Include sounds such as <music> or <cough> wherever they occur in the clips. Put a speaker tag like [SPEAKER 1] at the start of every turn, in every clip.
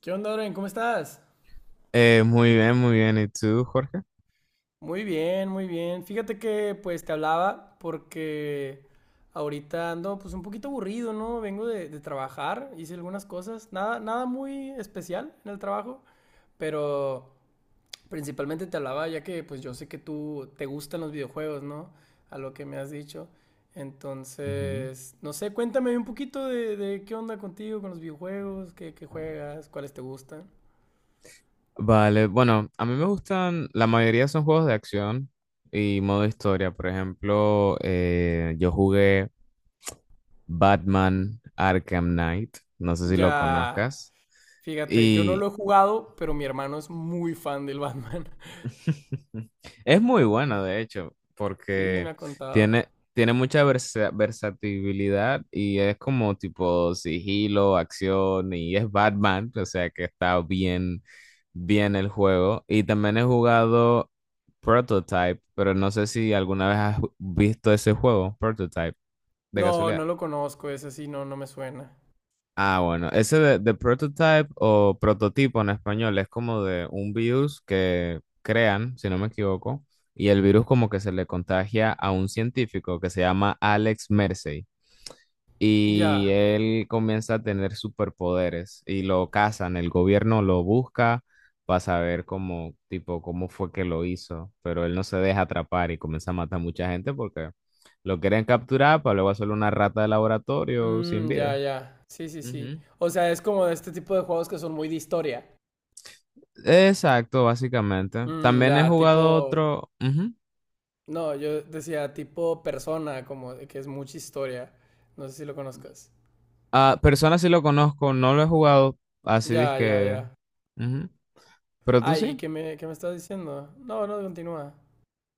[SPEAKER 1] ¿Qué onda, Oren? ¿Cómo estás?
[SPEAKER 2] Muy bien, muy bien. ¿Y tú, Jorge?
[SPEAKER 1] Muy bien, muy bien. Fíjate que pues te hablaba porque ahorita ando pues un poquito aburrido, ¿no? Vengo de trabajar, hice algunas cosas, nada, nada muy especial en el trabajo, pero principalmente te hablaba ya que pues yo sé que tú te gustan los videojuegos, ¿no? A lo que me has dicho.
[SPEAKER 2] Ujú.
[SPEAKER 1] Entonces, no sé, cuéntame un poquito de qué onda contigo, con los videojuegos, qué juegas, cuáles te gustan.
[SPEAKER 2] Vale, bueno, a mí me gustan, la mayoría son juegos de acción y modo historia. Por ejemplo, yo jugué Batman Arkham Knight, no sé si lo
[SPEAKER 1] Ya.
[SPEAKER 2] conozcas.
[SPEAKER 1] Fíjate, yo no
[SPEAKER 2] Y
[SPEAKER 1] lo he jugado, pero mi hermano es muy fan del Batman. <laughs>
[SPEAKER 2] <laughs> es muy bueno, de hecho,
[SPEAKER 1] Sí, me
[SPEAKER 2] porque
[SPEAKER 1] ha contado.
[SPEAKER 2] tiene, tiene mucha versatilidad y es como tipo sigilo, acción y es Batman, o sea que está bien bien el juego. Y también he jugado Prototype, pero no sé si alguna vez has visto ese juego, Prototype, de
[SPEAKER 1] No, no
[SPEAKER 2] casualidad.
[SPEAKER 1] lo conozco, ese sí, no, no me suena.
[SPEAKER 2] Ah, bueno, ese de Prototype o prototipo en español es como de un virus que crean, si no me equivoco, y el virus como que se le contagia a un científico que se llama Alex Mercer. Y
[SPEAKER 1] Ya.
[SPEAKER 2] él comienza a tener superpoderes y lo cazan, el gobierno lo busca para saber cómo, tipo, cómo fue que lo hizo, pero él no se deja atrapar y comienza a matar mucha gente porque lo quieren capturar para luego hacerle una rata de laboratorio sin
[SPEAKER 1] Mm, ya,
[SPEAKER 2] vida.
[SPEAKER 1] ya. Sí, sí, sí.
[SPEAKER 2] Ujú.
[SPEAKER 1] O sea, es como de este tipo de juegos que son muy de historia.
[SPEAKER 2] Exacto, básicamente.
[SPEAKER 1] Mm,
[SPEAKER 2] También he
[SPEAKER 1] ya, tipo...
[SPEAKER 2] jugado otro. Ujú.
[SPEAKER 1] No, yo decía tipo persona, como de que es mucha historia. No sé si lo conozcas.
[SPEAKER 2] Ah, Persona sí lo conozco, no lo he jugado así,
[SPEAKER 1] Ya, ya,
[SPEAKER 2] que.
[SPEAKER 1] ya.
[SPEAKER 2] Pero tú
[SPEAKER 1] Ay, ¿y
[SPEAKER 2] sí.
[SPEAKER 1] qué me estás diciendo? No, no, continúa.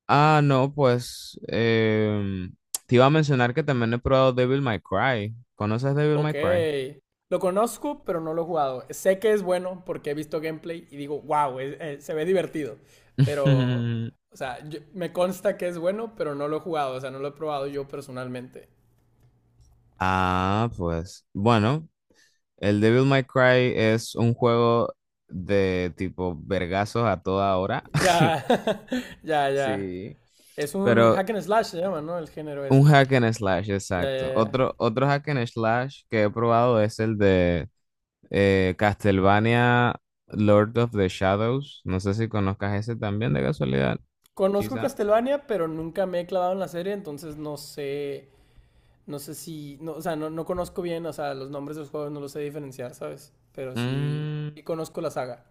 [SPEAKER 2] Ah, no, pues te iba a mencionar que también he probado Devil May Cry. ¿Conoces Devil
[SPEAKER 1] Ok.
[SPEAKER 2] May Cry?
[SPEAKER 1] Lo conozco, pero no lo he jugado. Sé que es bueno porque he visto gameplay y digo, wow, se ve divertido. Pero,
[SPEAKER 2] <laughs>
[SPEAKER 1] o sea, yo- me consta que es bueno, pero no lo he jugado. O sea, no lo he probado yo personalmente.
[SPEAKER 2] Ah, pues bueno, el Devil May Cry es un juego de tipo vergazos a toda hora. <laughs>
[SPEAKER 1] Ya, <laughs> ya, ya.
[SPEAKER 2] Sí,
[SPEAKER 1] Es un
[SPEAKER 2] pero
[SPEAKER 1] hack and slash, se llama, ¿no? El género
[SPEAKER 2] un
[SPEAKER 1] ese.
[SPEAKER 2] hack and slash,
[SPEAKER 1] Ya, ya,
[SPEAKER 2] exacto.
[SPEAKER 1] ya.
[SPEAKER 2] Otro hack and slash que he probado es el de Castlevania Lord of the Shadows. No sé si conozcas ese también de casualidad,
[SPEAKER 1] Conozco
[SPEAKER 2] quizá.
[SPEAKER 1] Castlevania, pero nunca me he clavado en la serie, entonces no sé, no sé si, no, o sea, no, no conozco bien, o sea, los nombres de los juegos no los sé diferenciar, ¿sabes? Pero sí,
[SPEAKER 2] Mm,
[SPEAKER 1] sí conozco la saga.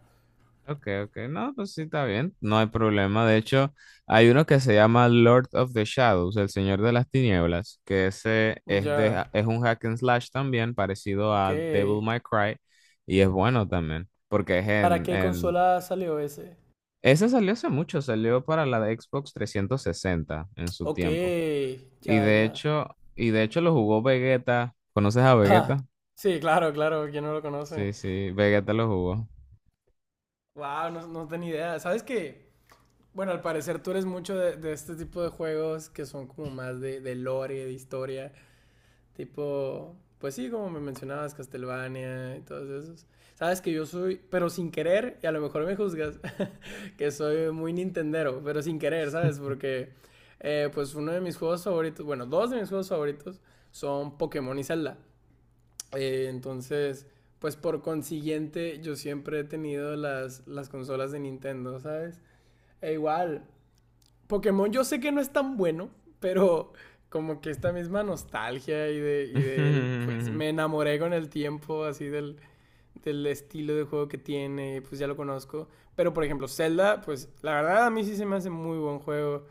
[SPEAKER 2] ok, ok. No, pues sí, está bien. No hay problema. De hecho, hay uno que se llama Lord of the Shadows, el Señor de las Tinieblas, que ese es
[SPEAKER 1] Ya,
[SPEAKER 2] de, es un hack and slash también, parecido
[SPEAKER 1] ok.
[SPEAKER 2] a Devil May Cry, y es bueno también, porque es
[SPEAKER 1] ¿Para qué
[SPEAKER 2] en...
[SPEAKER 1] consola salió ese?
[SPEAKER 2] Ese salió hace mucho, salió para la de Xbox 360 en su
[SPEAKER 1] Ok,
[SPEAKER 2] tiempo.
[SPEAKER 1] ya, ya.
[SPEAKER 2] Y de hecho lo jugó Vegeta. ¿Conoces a
[SPEAKER 1] Ah,
[SPEAKER 2] Vegeta?
[SPEAKER 1] sí, claro, claro, ¿quién no lo conoce?
[SPEAKER 2] Sí, sí, Vegeta lo jugó.
[SPEAKER 1] Wow, no, no tenía idea. ¿Sabes qué? Bueno, al parecer tú eres mucho de este tipo de juegos que son como más de lore, de historia. Tipo, pues sí, como me mencionabas, Castlevania y todos esos. Sabes que yo soy, pero sin querer, y a lo mejor me juzgas, <laughs> que soy muy nintendero, pero sin querer, ¿sabes? Porque, pues uno de mis juegos favoritos, bueno, dos de mis juegos favoritos son Pokémon y Zelda. Entonces, pues por consiguiente, yo siempre he tenido las consolas de Nintendo, ¿sabes? E igual, Pokémon yo sé que no es tan bueno, pero como que esta misma nostalgia pues
[SPEAKER 2] <laughs>
[SPEAKER 1] me enamoré con el tiempo así del estilo de juego que tiene, pues ya lo conozco. Pero por ejemplo, Zelda, pues la verdad a mí sí se me hace muy buen juego.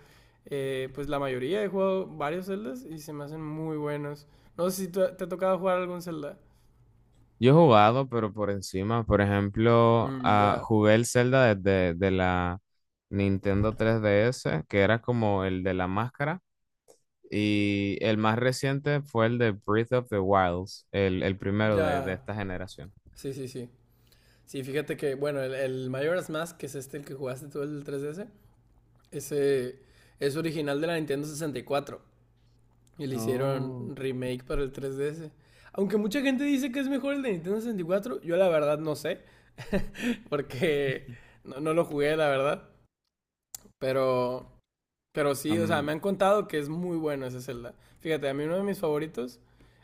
[SPEAKER 1] Pues la mayoría he jugado varios Zeldas y se me hacen muy buenos. No sé si tú- te ha tocado jugar algún Zelda.
[SPEAKER 2] Yo he jugado, pero por encima, por ejemplo,
[SPEAKER 1] Mm, ya,
[SPEAKER 2] jugué el Zelda desde de la Nintendo 3DS, que era como el de la máscara, y el más reciente fue el de Breath of the Wilds, el primero de
[SPEAKER 1] ya.
[SPEAKER 2] esta generación.
[SPEAKER 1] Sí, sí, sí. Sí, fíjate que, bueno, el Majora's Mask, que es este el que jugaste tú, el 3DS. Ese es original de la Nintendo 64 y le hicieron
[SPEAKER 2] Oh.
[SPEAKER 1] remake para el 3DS. Aunque mucha gente dice que es mejor el de Nintendo 64, yo la verdad no sé, porque
[SPEAKER 2] <laughs>
[SPEAKER 1] <laughs> no, no lo jugué, la verdad. Pero, pero sí, o sea, me
[SPEAKER 2] Am-
[SPEAKER 1] han contado que es muy bueno ese Zelda. Fíjate, a mí uno de mis favoritos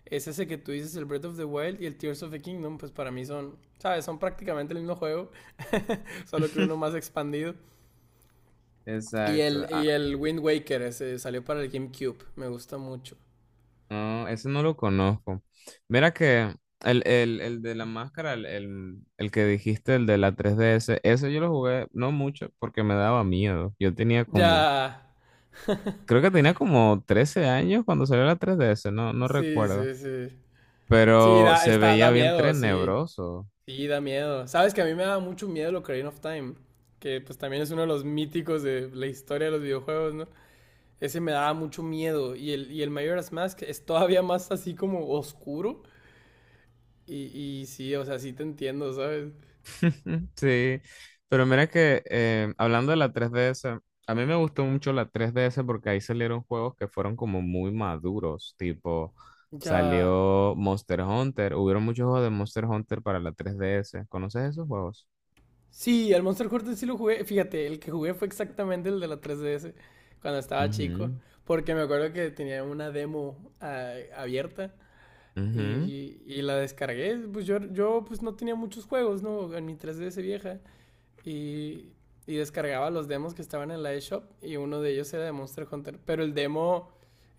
[SPEAKER 1] es ese que tú dices, el Breath of the Wild y el Tears of the Kingdom, pues para mí son, ¿sabes? Son prácticamente el mismo juego, <laughs> solo que uno
[SPEAKER 2] <laughs>
[SPEAKER 1] más expandido. Y
[SPEAKER 2] exacto.
[SPEAKER 1] el, y el Wind Waker ese salió para el GameCube. Me gusta mucho.
[SPEAKER 2] No, ese no lo conozco. Mira que el de la máscara, el que dijiste, el de la 3DS, ese yo lo jugué no mucho porque me daba miedo. Yo tenía como,
[SPEAKER 1] Ya.
[SPEAKER 2] creo que tenía como 13 años cuando salió la 3DS, no, no
[SPEAKER 1] Sí,
[SPEAKER 2] recuerdo.
[SPEAKER 1] sí, sí. Sí,
[SPEAKER 2] Pero
[SPEAKER 1] da,
[SPEAKER 2] se
[SPEAKER 1] está,
[SPEAKER 2] veía
[SPEAKER 1] da
[SPEAKER 2] bien
[SPEAKER 1] miedo, sí.
[SPEAKER 2] tenebroso.
[SPEAKER 1] Sí, da miedo. Sabes que a mí me da mucho miedo lo Ocarina of Time. Que pues también es uno de los míticos de la historia de los videojuegos, ¿no? Ese me daba mucho miedo. Y el Majora's Mask es todavía más así como oscuro. Y sí, o sea, sí te entiendo, ¿sabes?
[SPEAKER 2] Mm, sí, pero mira que hablando de la 3DS, a mí me gustó mucho la 3DS porque ahí salieron juegos que fueron como muy maduros, tipo
[SPEAKER 1] Ya.
[SPEAKER 2] salió Monster Hunter, hubieron muchos juegos de Monster Hunter para la 3DS, ¿conoces esos juegos?
[SPEAKER 1] Sí, al Monster Hunter sí lo jugué. Fíjate, el que jugué fue exactamente el de la 3DS cuando estaba chico.
[SPEAKER 2] Ujú,
[SPEAKER 1] Porque me acuerdo que tenía una demo abierta y,
[SPEAKER 2] ujú,
[SPEAKER 1] y la descargué. Pues yo pues no tenía muchos juegos, ¿no? En mi 3DS vieja y, y descargaba los demos que estaban en la eShop y uno de ellos era de Monster Hunter. Pero el demo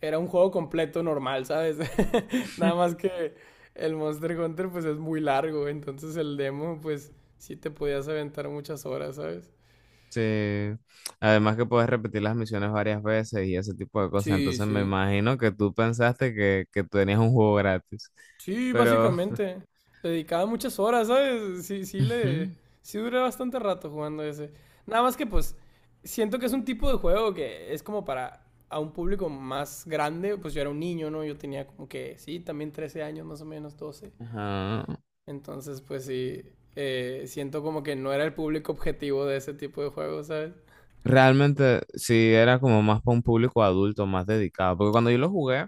[SPEAKER 1] era un juego completo normal, ¿sabes? <laughs> Nada más que el Monster Hunter pues es muy largo, entonces el demo pues sí te podías aventar muchas horas, ¿sabes?
[SPEAKER 2] sí, además que puedes repetir las misiones varias veces y ese tipo de cosas,
[SPEAKER 1] Sí,
[SPEAKER 2] entonces me
[SPEAKER 1] sí.
[SPEAKER 2] imagino que tú pensaste que, tenías un juego gratis,
[SPEAKER 1] Sí,
[SPEAKER 2] pero...
[SPEAKER 1] básicamente. Le dedicaba muchas horas, ¿sabes? Sí, sí
[SPEAKER 2] <laughs> ujú,
[SPEAKER 1] le... Sí duré bastante rato jugando ese. Nada más que pues siento que es un tipo de juego que es como para a un público más grande. Pues yo era un niño, ¿no? Yo tenía como que, sí, también 13 años, más o menos 12.
[SPEAKER 2] ajá.
[SPEAKER 1] Entonces, pues sí, siento como que no era el público objetivo de ese tipo de juegos, ¿sabes?
[SPEAKER 2] Realmente sí era como más para un público adulto, más dedicado, porque cuando yo lo jugué,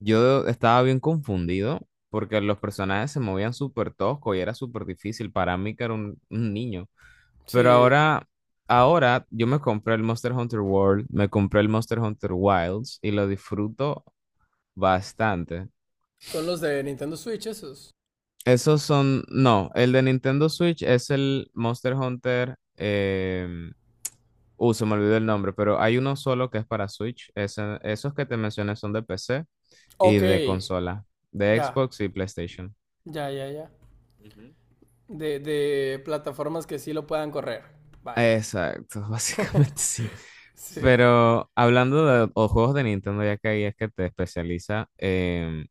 [SPEAKER 2] yo estaba bien confundido porque los personajes se movían súper tosco y era súper difícil para mí que era un niño. Pero
[SPEAKER 1] Sí.
[SPEAKER 2] ahora, ahora yo me compré el Monster Hunter World, me compré el Monster Hunter Wilds y lo disfruto bastante.
[SPEAKER 1] Son los de Nintendo Switch esos.
[SPEAKER 2] Esos son, no, el de Nintendo Switch es el Monster Hunter. Se me olvidó el nombre, pero hay uno solo que es para Switch. Ese- esos que te mencioné son de PC y
[SPEAKER 1] Ok.
[SPEAKER 2] de consola, de
[SPEAKER 1] Ya,
[SPEAKER 2] Xbox y PlayStation.
[SPEAKER 1] ya, ya, ya.
[SPEAKER 2] Ujú.
[SPEAKER 1] De plataformas que sí lo puedan correr. Vaya.
[SPEAKER 2] Exacto, <laughs> básicamente sí.
[SPEAKER 1] Sí.
[SPEAKER 2] Pero hablando de o juegos de Nintendo, ya que ahí es que te especializa,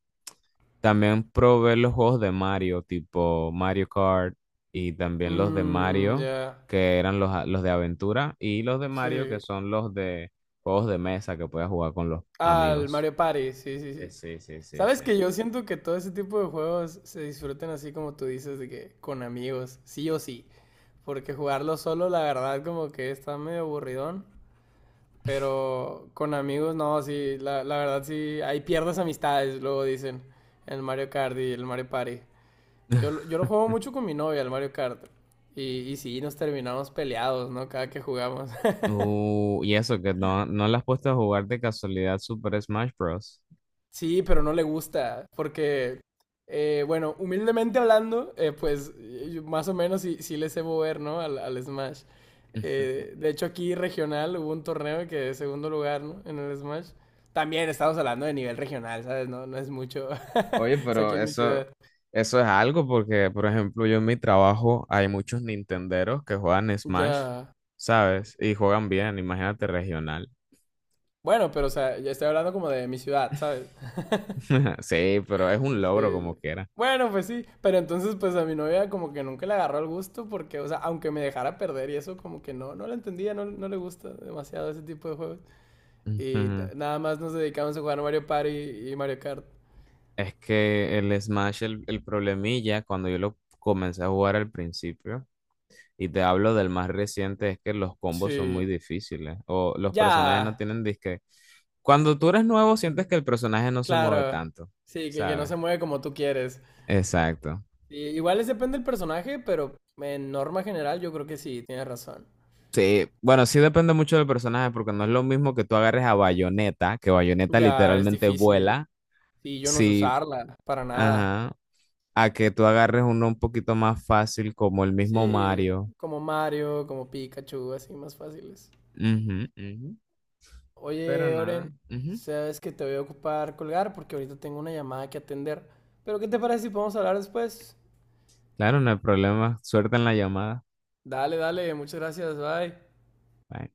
[SPEAKER 2] también probé los juegos de Mario, tipo Mario Kart, y también los de
[SPEAKER 1] Mmm,
[SPEAKER 2] Mario,
[SPEAKER 1] ya.
[SPEAKER 2] que eran los, los de aventura, y los de Mario, que
[SPEAKER 1] Sí.
[SPEAKER 2] son los de juegos de mesa que puedes jugar con los
[SPEAKER 1] Ah, el
[SPEAKER 2] amigos.
[SPEAKER 1] Mario Party. Sí, sí, sí.
[SPEAKER 2] Sí, sí, sí, sí.
[SPEAKER 1] Sabes que yo siento que todo ese tipo de juegos se disfruten así como tú dices, de que con amigos, sí o sí. Porque jugarlo solo, la verdad, como que está medio aburridón. Pero con amigos, no, sí, la verdad, sí. Ahí pierdes amistades, luego dicen. El Mario Kart y el Mario Party. Yo
[SPEAKER 2] <laughs>
[SPEAKER 1] lo juego mucho con mi novia, el Mario Kart. Y sí, nos terminamos peleados, ¿no? Cada que jugamos. <laughs>
[SPEAKER 2] Y eso, que no, no le has puesto a jugar de casualidad Super Smash Bros.
[SPEAKER 1] Sí, pero no le gusta. Porque, bueno, humildemente hablando, pues yo más o menos sí, sí le sé mover, ¿no? Al Smash. De
[SPEAKER 2] <laughs>
[SPEAKER 1] hecho, aquí regional hubo un torneo que de segundo lugar, ¿no? En el Smash. También estamos hablando de nivel regional, ¿sabes? No, no es mucho.
[SPEAKER 2] Oye,
[SPEAKER 1] <laughs> Es aquí
[SPEAKER 2] pero
[SPEAKER 1] en mi
[SPEAKER 2] eso,
[SPEAKER 1] ciudad.
[SPEAKER 2] eso es algo porque, por ejemplo, yo en mi trabajo hay muchos nintenderos que juegan Smash,
[SPEAKER 1] Ya.
[SPEAKER 2] ¿sabes? Y juegan bien, imagínate regional.
[SPEAKER 1] Bueno, pero o sea, ya estoy hablando como de mi ciudad, ¿sabes?
[SPEAKER 2] <laughs> Sí, pero es un logro
[SPEAKER 1] Sí.
[SPEAKER 2] como quiera.
[SPEAKER 1] Bueno, pues sí, pero entonces pues a mi novia como que nunca le agarró el gusto porque, o sea, aunque me dejara perder y eso como que no, no la entendía, no, no le gusta demasiado ese tipo de juegos. Y
[SPEAKER 2] Ujú.
[SPEAKER 1] na- nada más nos dedicamos a jugar Mario Party y Mario Kart.
[SPEAKER 2] Es que el Smash, el problemilla, cuando yo lo comencé a jugar al principio, y te hablo del más reciente, es que los combos son muy
[SPEAKER 1] Sí.
[SPEAKER 2] difíciles, o los personajes no
[SPEAKER 1] Ya.
[SPEAKER 2] tienen disque. Cuando tú eres nuevo, sientes que
[SPEAKER 1] Ujú.
[SPEAKER 2] el personaje no se mueve
[SPEAKER 1] Claro.
[SPEAKER 2] tanto,
[SPEAKER 1] Sí, que no
[SPEAKER 2] ¿sabes?
[SPEAKER 1] se mueve como tú quieres.
[SPEAKER 2] Exacto.
[SPEAKER 1] Sí, igual es depende del personaje, pero en norma general yo creo que sí, tienes razón.
[SPEAKER 2] Sí, bueno, sí depende mucho del personaje, porque no es lo mismo que tú agarres a Bayonetta, que Bayonetta
[SPEAKER 1] Ya, es
[SPEAKER 2] literalmente
[SPEAKER 1] difícil.
[SPEAKER 2] vuela.
[SPEAKER 1] Sí, yo no sé
[SPEAKER 2] Sí,
[SPEAKER 1] usarla, para nada.
[SPEAKER 2] ajá, a que tú agarres uno un poquito más fácil como el mismo
[SPEAKER 1] Sí,
[SPEAKER 2] Mario.
[SPEAKER 1] como Mario, como Pikachu, así más fáciles.
[SPEAKER 2] Ujú, ujú. Pero
[SPEAKER 1] Oye,
[SPEAKER 2] nada.
[SPEAKER 1] Oren,
[SPEAKER 2] Ujú.
[SPEAKER 1] sabes que te voy a ocupar colgar porque ahorita tengo una llamada que atender. Pero ¿qué te parece si podemos hablar después?
[SPEAKER 2] Claro, no hay problema. Suerte en la llamada.
[SPEAKER 1] Dale, dale, muchas gracias, bye.
[SPEAKER 2] Bye.